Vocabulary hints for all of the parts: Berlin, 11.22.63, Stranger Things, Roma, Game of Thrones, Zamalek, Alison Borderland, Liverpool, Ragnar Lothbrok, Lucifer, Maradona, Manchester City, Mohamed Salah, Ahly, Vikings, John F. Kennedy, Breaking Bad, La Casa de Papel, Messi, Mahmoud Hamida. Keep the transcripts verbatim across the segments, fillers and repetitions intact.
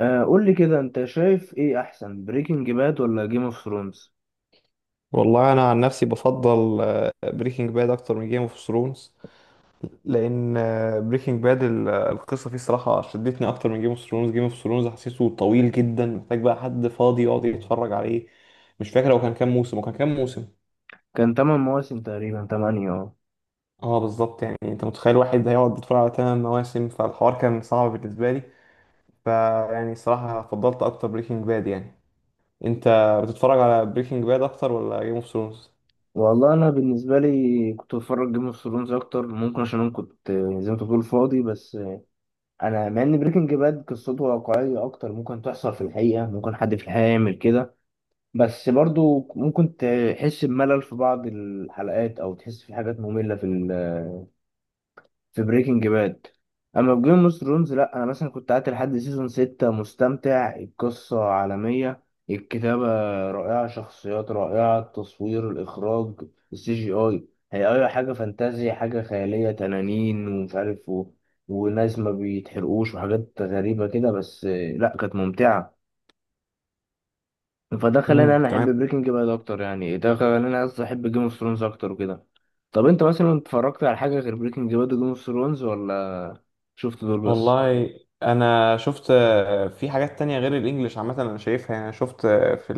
آه، قول لي كده، انت شايف ايه احسن، بريكنج باد ولا جيم اوف ثرونز؟ والله انا عن نفسي بفضل بريكنج باد اكتر من جيم اوف ثرونز، لان بريكنج باد القصه فيه صراحه شدتني اكتر من جيم اوف ثرونز. جيم اوف ثرونز حسيته طويل جدا، محتاج بقى حد فاضي يقعد يتفرج عليه. مش فاكر هو كان كام موسم وكان كام موسم كان تمن مواسم تقريبا، تمانية، اه. اه بالظبط، يعني انت متخيل واحد هيقعد يتفرج على تمن مواسم؟ فالحوار كان صعب بالنسبه لي. فيعني صراحه فضلت اكتر بريكنج باد يعني. انت بتتفرج على بريكنج باد اكتر ولا جيم اوف ثرونز؟ والله انا بالنسبه لي كنت بتفرج جيم اوف ثرونز اكتر، ممكن عشان انا كنت آه، زي ما انت بتقول فاضي. بس آه، انا مع ان بريكنج باد قصته واقعيه اكتر، ممكن تحصل في الحقيقه، ممكن حد في الحقيقه يعمل كده. بس برضو ممكن تحس بملل في بعض الحلقات، او تحس في حاجات ممله في في بريكنج باد. اما في جيم اوف ثرونز، لا. انا مثلا كنت قعدت لحد سيزون ستة مستمتع، القصة عالمية، الكتابة رائعة، شخصيات رائعة، التصوير، الاخراج، السي جي اي، هي اي حاجة فانتازيا، حاجة خيالية، تنانين ومش عارف و... وناس ما بيتحرقوش وحاجات غريبة كده. بس آه، لا، كانت ممتعة. فده خلاني امم انا تمام. احب بريكنج باد اكتر، يعني ده خلاني، قصدي، احب جيم اوف ثرونز اكتر وكده. طب انت مثلا اتفرجت على حاجة غير بريكنج باد وجيم اوف ثرونز، ولا شفت دول بس؟ والله انا شفت آه، في حاجات تانية غير الانجليش، عامة انا شايفها يعني. شفت آه، في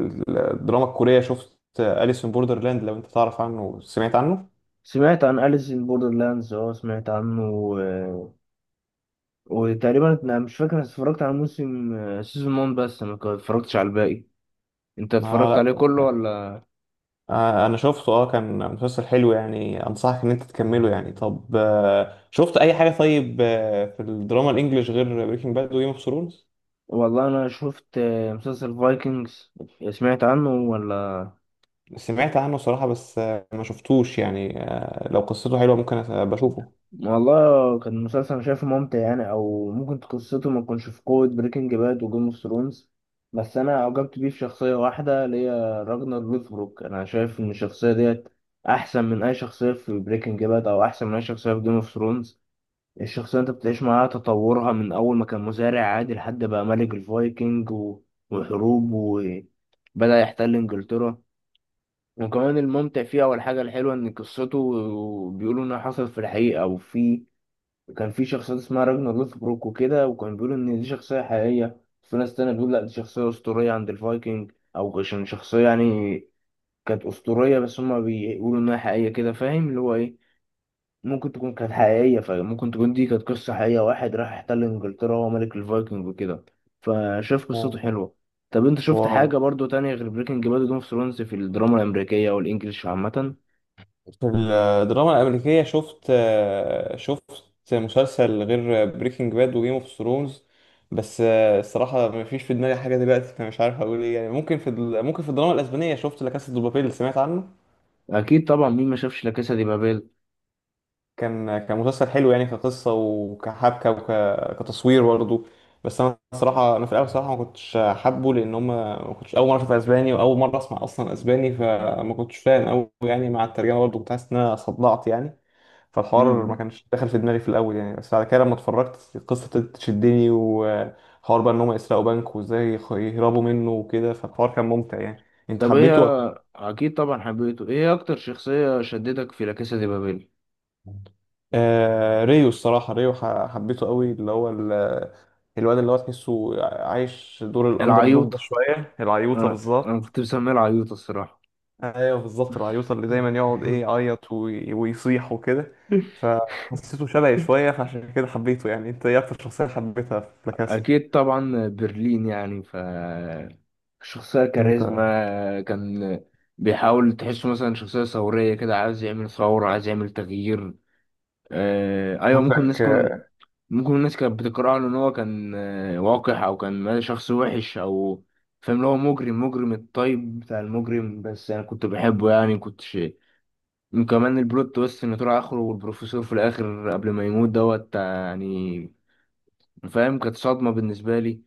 الدراما الكورية شفت أليسون بوردرلاند، لو انت تعرف عنه سمعت عنه. سمعت عن أليس إن بوردرلاندز، اه سمعت عنه و... وتقريبا انا مش فاكر، أنا اتفرجت على موسم سيزون واحد بس. ما كان- اتفرجتش على الباقي. انت اتفرجت اه عليه كله لا. ولا؟ آه، انا شفته، اه كان مسلسل حلو يعني، انصحك ان انت تكمله يعني. طب آه، شفت اي حاجة؟ طيب آه، في الدراما الانجليش غير بريكنج باد وجيم اوف ثرونز؟ والله انا شفت آه، مسلسل فايكنجز، سمعت عنه ولا؟ سمعت عنه صراحة، بس آه، ما شفتوش يعني، آه، لو قصته حلوة ممكن أس- بشوفه. والله كان مسلسل انا شايفه ممتع يعني، او ممكن قصته ما تكونش في قوة بريكنج باد وجيم اوف ثرونز، بس انا اعجبت بيه في شخصية واحدة اللي هي راجنر لوثبروك. انا شايف ان الشخصية ديت احسن من اي شخصية في بريكنج باد، او احسن من اي شخصية في جيم اوف ثرونز. الشخصية انت بتعيش معاها تطورها، من اول ما كان مزارع عادي لحد بقى ملك الفايكنج و... وحروب، وبدأ يحتل انجلترا. وكمان الممتع فيه، او الحاجة الحلوة، ان قصته بيقولوا انها حصلت في الحقيقة. وفي كان في شخصيات اسمها راجنا لوثبروك وكده، وكان بيقولوا ان دي شخصيه حقيقيه. في ناس تانية بتقول لا، دي شخصيه اسطوريه عند الفايكنج، او عشان شخصيه يعني كانت اسطوريه، بس هما بيقولوا انها حقيقيه كده. فاهم اللي هو ايه، ممكن تكون كانت حقيقيه، فممكن تكون دي كانت قصه حقيقيه، واحد راح احتل انجلترا وهو ملك الفايكنج وكده. فشاف قصته واو. حلوه. طب انت شفت واو. حاجه برضو تانية غير بريكنج باد وجيم اوف ثرونز، في الدراما الامريكيه او الانجليش عامه؟ في الدراما الأمريكية شفت آه، شفت مسلسل غير بريكنج باد وجيم اوف ثرونز، بس آه، الصراحة مفيش في دماغي حاجة دلوقتي، فمش عارف أقول إيه يعني. ممكن في ال- ممكن في الدراما الأسبانية شفت لا كاسا دي بابيل، اللي سمعت عنه. اكيد طبعا، مين ما شافش لا كاسا دي بابيل؟ كان كان مسلسل حلو يعني كقصة وكحبكة وكتصوير برضه. بس أنا الصراحة أنا في الأول الصراحة ما كنتش حابه، لأن هما ما كنتش أول مرة أشوف أسباني، وأول مرة أسمع أصلا أسباني، فما كنتش فاهم أوي يعني. مع الترجمة برضه كنت حاسس إن أنا صدعت يعني، فالحوار ما كانش داخل في دماغي في الاول يعني. بس بعد كده لما اتفرجت القصه ابتدت تشدني، وحوار بقى ان هم يسرقوا بنك وازاي يخ- يهربوا منه وكده. فالحوار كان ممتع يعني، انت طب هي، حبيته ولا؟ اكيد طبعا حبيته، ايه اكتر شخصية شدتك في لا كاسا دي بابيل؟ آه ريو الصراحه، ريو ح- حبيته قوي، اللي هو ال- الواد اللي هو تحسه عايش دور الاندر دوج، العيوط، ده شويه العيوطه انا انا بالظبط. كنت مسميه العيوط الصراحة. ايوه بالظبط، العيوطه اللي دايما يقعد ايه يعيط وي- ويصيح وكده. فحسيته شبهي شويه، فعشان كده حبيته يعني. انت ايه اكتر شخصيه حبيتها في لا كاسا؟ اكيد طبعا برلين يعني. ف شخصية انت كاريزما كان بيحاول تحسه مثلا شخصية ثورية كده، عايز يعمل ثورة، عايز يعمل تغيير. آه، ايوه، ممكن الناس شكلك. كون، ممكن الناس كانت بتقرأه ان هو كان آه، وقح، او كان شخص وحش او، فاهم، اللي هو مجرم، مجرم الطيب بتاع المجرم. بس انا كنت بحبه يعني، كنت شيء. وكمان البلوت تويست ان طلع اخره، والبروفيسور في الاخر قبل ما يموت دوت آه، يعني فاهم، كانت صدمة بالنسبة لي.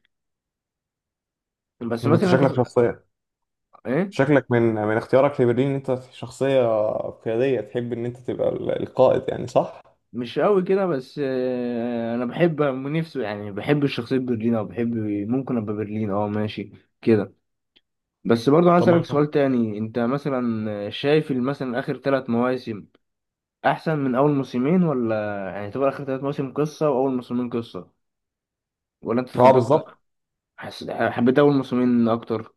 بس انت مثلا انت شكلك تق- شخصية. ايه، شكلك من من اختيارك لبرلين ان انت شخصية قيادية، تحب ان انت تبقى ال- القائد يعني، صح؟ مش قوي كده. بس آه، انا بحب نفسه يعني، بحب الشخصية برلين، او بحب ممكن ابقى برلين، اه ماشي كده. بس برضو عايز اسالك سؤال طموحها. تاني، انت مثلا شايف ال- مثلا اخر ثلاث مواسم احسن من اول موسمين ولا؟ يعني تبقى اخر ثلاث مواسم قصه، واول موسمين قصه، ولا انت اه فضلت، بالظبط. حس... حبيت اول موسمين اكتر؟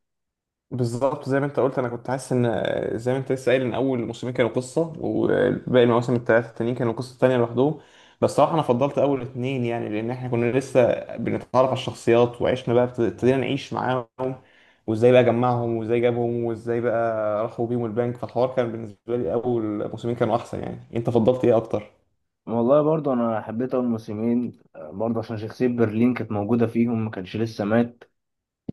بالظبط زي ما انت قلت، انا كنت حاسس ان زي ما انت لسه قايل ان اول موسمين كانوا قصه، وباقي المواسم الثلاثه التانيين كانوا قصه تانية لوحدهم. بس صراحه انا فضلت اول اتنين يعني، لان احنا كنا لسه بنتعرف على الشخصيات، وعشنا بقى ابت- ابتدينا نعيش معاهم، وازاي بقى جمعهم، وازاي جابهم، وازاي بقى راحوا بيهم البنك. فالحوار كان بالنسبه لي اول موسمين كانوا احسن يعني، انت فضلت ايه اكتر؟ والله برضه انا حبيت اول موسمين آه، برضه عشان شخصيه برلين كانت موجوده فيهم، ما كانش لسه مات.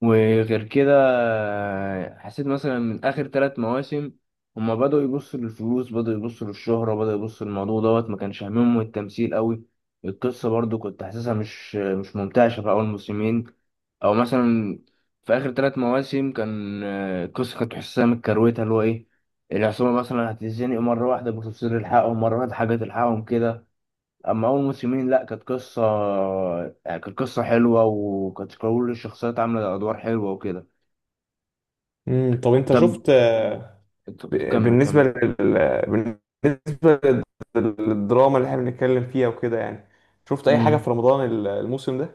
وغير كده آه، حسيت مثلا من اخر ثلاث مواسم هما بدأوا يبصوا للفلوس، بدأوا يبصوا للشهرة، بدأوا يبصوا للموضوع دوت، ما كانش همهم التمثيل قوي. القصة برضو كنت حاسسها مش مش ممتعة في اول موسمين. او مثلا في اخر ثلاث مواسم كان آه، القصة كنت حاسسها متكروتة، اللي هو ايه، العصابة مثلا هتتزنق مرة واحدة، بتفصيل الحقهم مرة واحدة حاجة تلحقهم كده. اما اول موسمين لا، كانت قصة آه، كانت قصة حلوة، وكانت كل الشخصيات عاملة ادوار حلوة وكده. امم طب انت طب، شفت، طب ب- كمل بالنسبة كمل. لل... بالنسبة لل- للدراما اللي احنا بنتكلم فيها وكده يعني، شفت أي حاجة في امم، رمضان ال- الموسم ده؟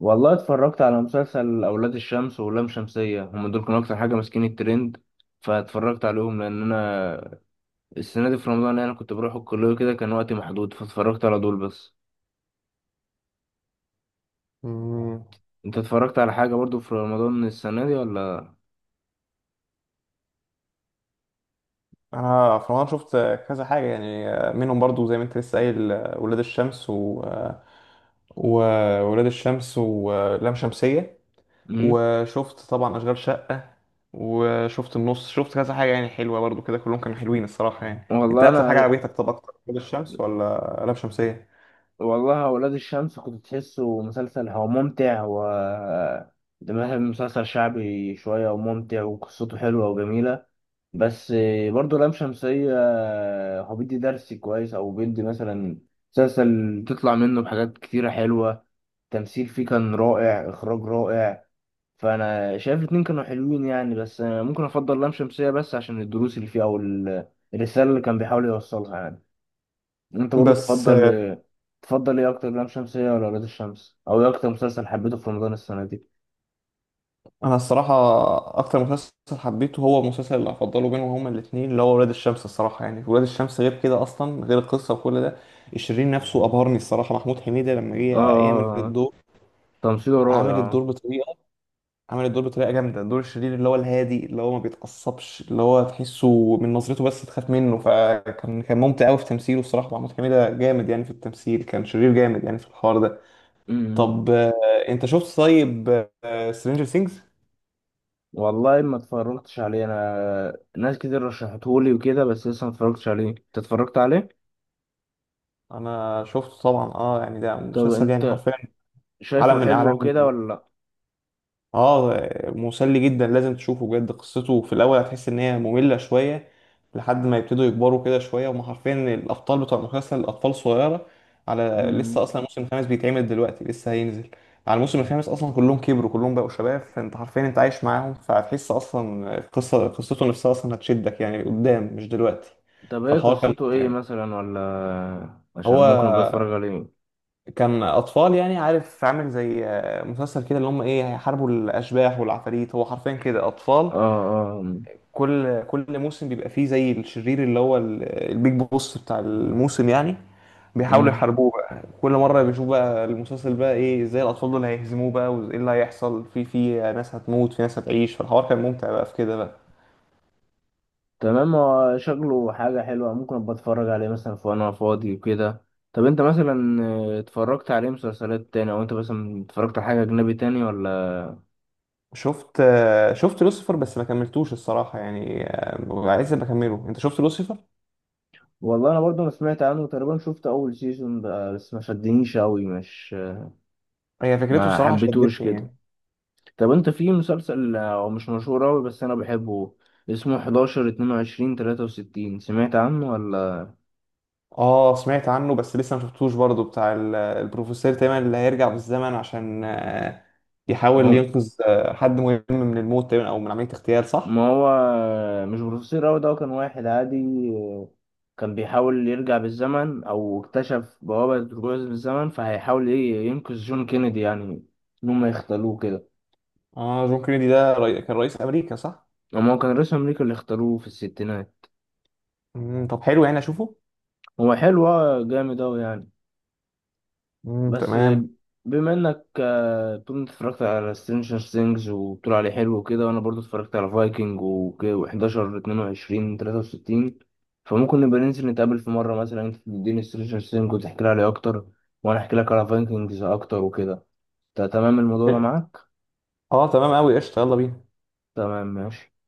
والله اتفرجت على مسلسل اولاد الشمس ولام شمسية، هم دول كانوا اكتر حاجة ماسكين الترند، فاتفرجت عليهم. لان انا السنة دي في رمضان انا كنت بروح الكلية كده، كان وقتي محدود، فاتفرجت على دول بس. مم. انت اتفرجت على حاجة برضو في رمضان السنة دي ولا؟ أنا في رمضان شفت كذا حاجة يعني، منهم برضو زي ما أنت لسه قايل ولاد الشمس و... وولاد الشمس ولام شمسية، امم، وشفت طبعا أشغال شقة، وشفت النص، شفت كذا حاجة يعني حلوة برضو كده، كلهم كانوا حلوين الصراحة يعني. أنت والله أكتر حاجة انا، عجبتك، طب أكتر ولاد الشمس ولا لام شمسية؟ والله ولاد الشمس كنت تحسه مسلسل هو ممتع. و ده مثلا مسلسل شعبي شوية وممتع، وقصته حلوة وجميلة. بس برضه لام شمسية هو بيدي درس كويس، أو بيدي مثلا مسلسل تطلع منه بحاجات كتيرة حلوة، تمثيل فيه كان رائع، إخراج رائع. فأنا شايف الاتنين كانوا حلوين يعني، بس ممكن أفضل لام شمسية، بس عشان الدروس اللي فيه، أو ال- الرسالة اللي كان بيحاول يوصلها يعني. انت برضو بس تفضل ايه، تفضل ايه اكتر، لام شمسية ولا ولاد الشمس، او ايه اكتر مسلسل حبيته في رمضان السنة دي؟ انا الصراحه اكتر مسلسل حبيته، هو المسلسل اللي هفضله بينهم هما الاثنين اللي هو ولاد الشمس الصراحه يعني. ولاد الشمس غير كده اصلا، غير القصه وكل ده الشرير نفسه ابهرني الصراحه، محمود حميده لما جه يعمل اه، الدور، تمثيله عامل رائع. الدور بطريقه عامل الدور بطريقه جامده، دور الشرير اللي هو الهادي، اللي هو ما بيتعصبش، اللي هو تحسه من نظرته بس تخاف منه. فكان كان ممتع قوي في تمثيله الصراحه، محمود حميده جامد يعني في التمثيل، كان شرير جامد يعني في الحوار ده. امم، طب آه، انت شفت طيب سترينجر ثينجز؟ والله ما اتفرجتش عليه، انا ناس كتير رشحتهولي وكده، بس لسه ما اتفرجتش عليه. انت اتفرجت عليه؟ انا شفته طبعا اه، يعني ده طب مسلسل يعني انت حرفيا عالم شايفه من حلو اعلام. وكده ولا لا؟ اه مسلي جدا، لازم تشوفه بجد. قصته في الاول هتحس ان هي مملة شوية، لحد ما يبتدوا يكبروا كده شوية، وما حرفيا الابطال بتوع المسلسل اطفال صغيرة. على لسه امم. اصلا الموسم الخامس بيتعمل دلوقتي، لسه هينزل. على الموسم الخامس اصلا كلهم كبروا، كلهم بقوا شباب، فانت حرفيا انت عايش معاهم. فهتحس اصلا قصة قصته نفسها اصلا هتشدك يعني قدام، مش دلوقتي. طب ايه فالحوار كان قصته ممتع ايه يعني. مثلا، ولا عشان ممكن ابقى اتفرج هو عليه؟ كان اطفال يعني، عارف عامل زي آه، مسلسل كده اللي هم ايه هيحاربوا الاشباح والعفاريت، هو حرفيا كده اطفال. اه، اه. كل كل موسم بيبقى فيه زي الشرير اللي هو ال- البيج بوس بتاع الموسم يعني، بيحاولوا امم، يحاربوه بقى. كل مره بيشوف بقى المسلسل بقى ايه، ازاي الاطفال دول هيهزموه بقى، وايه اللي هيحصل، في في ناس هتموت، في ناس هتعيش، فالحوار كان ممتع بقى في كده بقى. تمام، هو شكله حاجة حلوة، ممكن ابقى اتفرج عليه مثلا في، وانا فاضي وكده. طب انت مثلا آه، اتفرجت عليه مسلسلات تاني، او انت مثلا اتفرجت على حاجة اجنبي تاني ولا؟ شفت آه، شفت لوسيفر بس ما كملتوش الصراحه يعني، آه، عايز بكمله، انت شفت لوسيفر؟ والله انا برضه ما سمعت عنه تقريبا، شفت اول سيزون بقى بس، ما شدنيش قوي، مش هي فكرته ما الصراحه حبيتهوش شدتني كده. يعني. طب انت، في مسلسل آه، هو مش مشهور قوي، بس انا بحبه، اسمه حداشر اتنين وعشرين تلاتة وستين، سمعت عنه ولا؟ اه سمعت عنه بس لسه ما شفتوش برضه، بتاع ال- البروفيسور تقريبا اللي هيرجع بالزمن عشان آه، يحاول هو، ينقذ آه، حد مهم من الموت تقريبا، او من عملية اغتيال، صح؟ ما هو مش بروفيسور أوي ده، هو كان واحد عادي، كان بيحاول يرجع بالزمن، أو اكتشف بوابة رجوع بالزمن، فهيحاول إيه، ينقذ جون كينيدي يعني، إن هم يختاروه كده. اه جون كينيدي ده ري... كان رئيس امريكا، صح؟ أما هو كان رئيس أمريكا اللي اختاروه في الستينات. مم. طب حلو يعني اشوفه؟ هو حلو آه، جامد أوي يعني. مم. بس تمام. بما انك آه، طول ما اتفرجت على سترينجر ثينجز وبتقول عليه حلو وكده، وانا برضو اتفرجت على فايكنج و11 اتنين وعشرين تلاتة وستين، فممكن نبقى ننزل نتقابل في مره، مثلا انت تديني سترينجر ثينجز وتحكي لي عليه اكتر، وانا احكي لك على فايكنجز اكتر وكده. تا- تمام الموضوع ده إيه؟ معاك؟ اه تمام قوي، قشطة، يلا بينا. تمام، ماشي.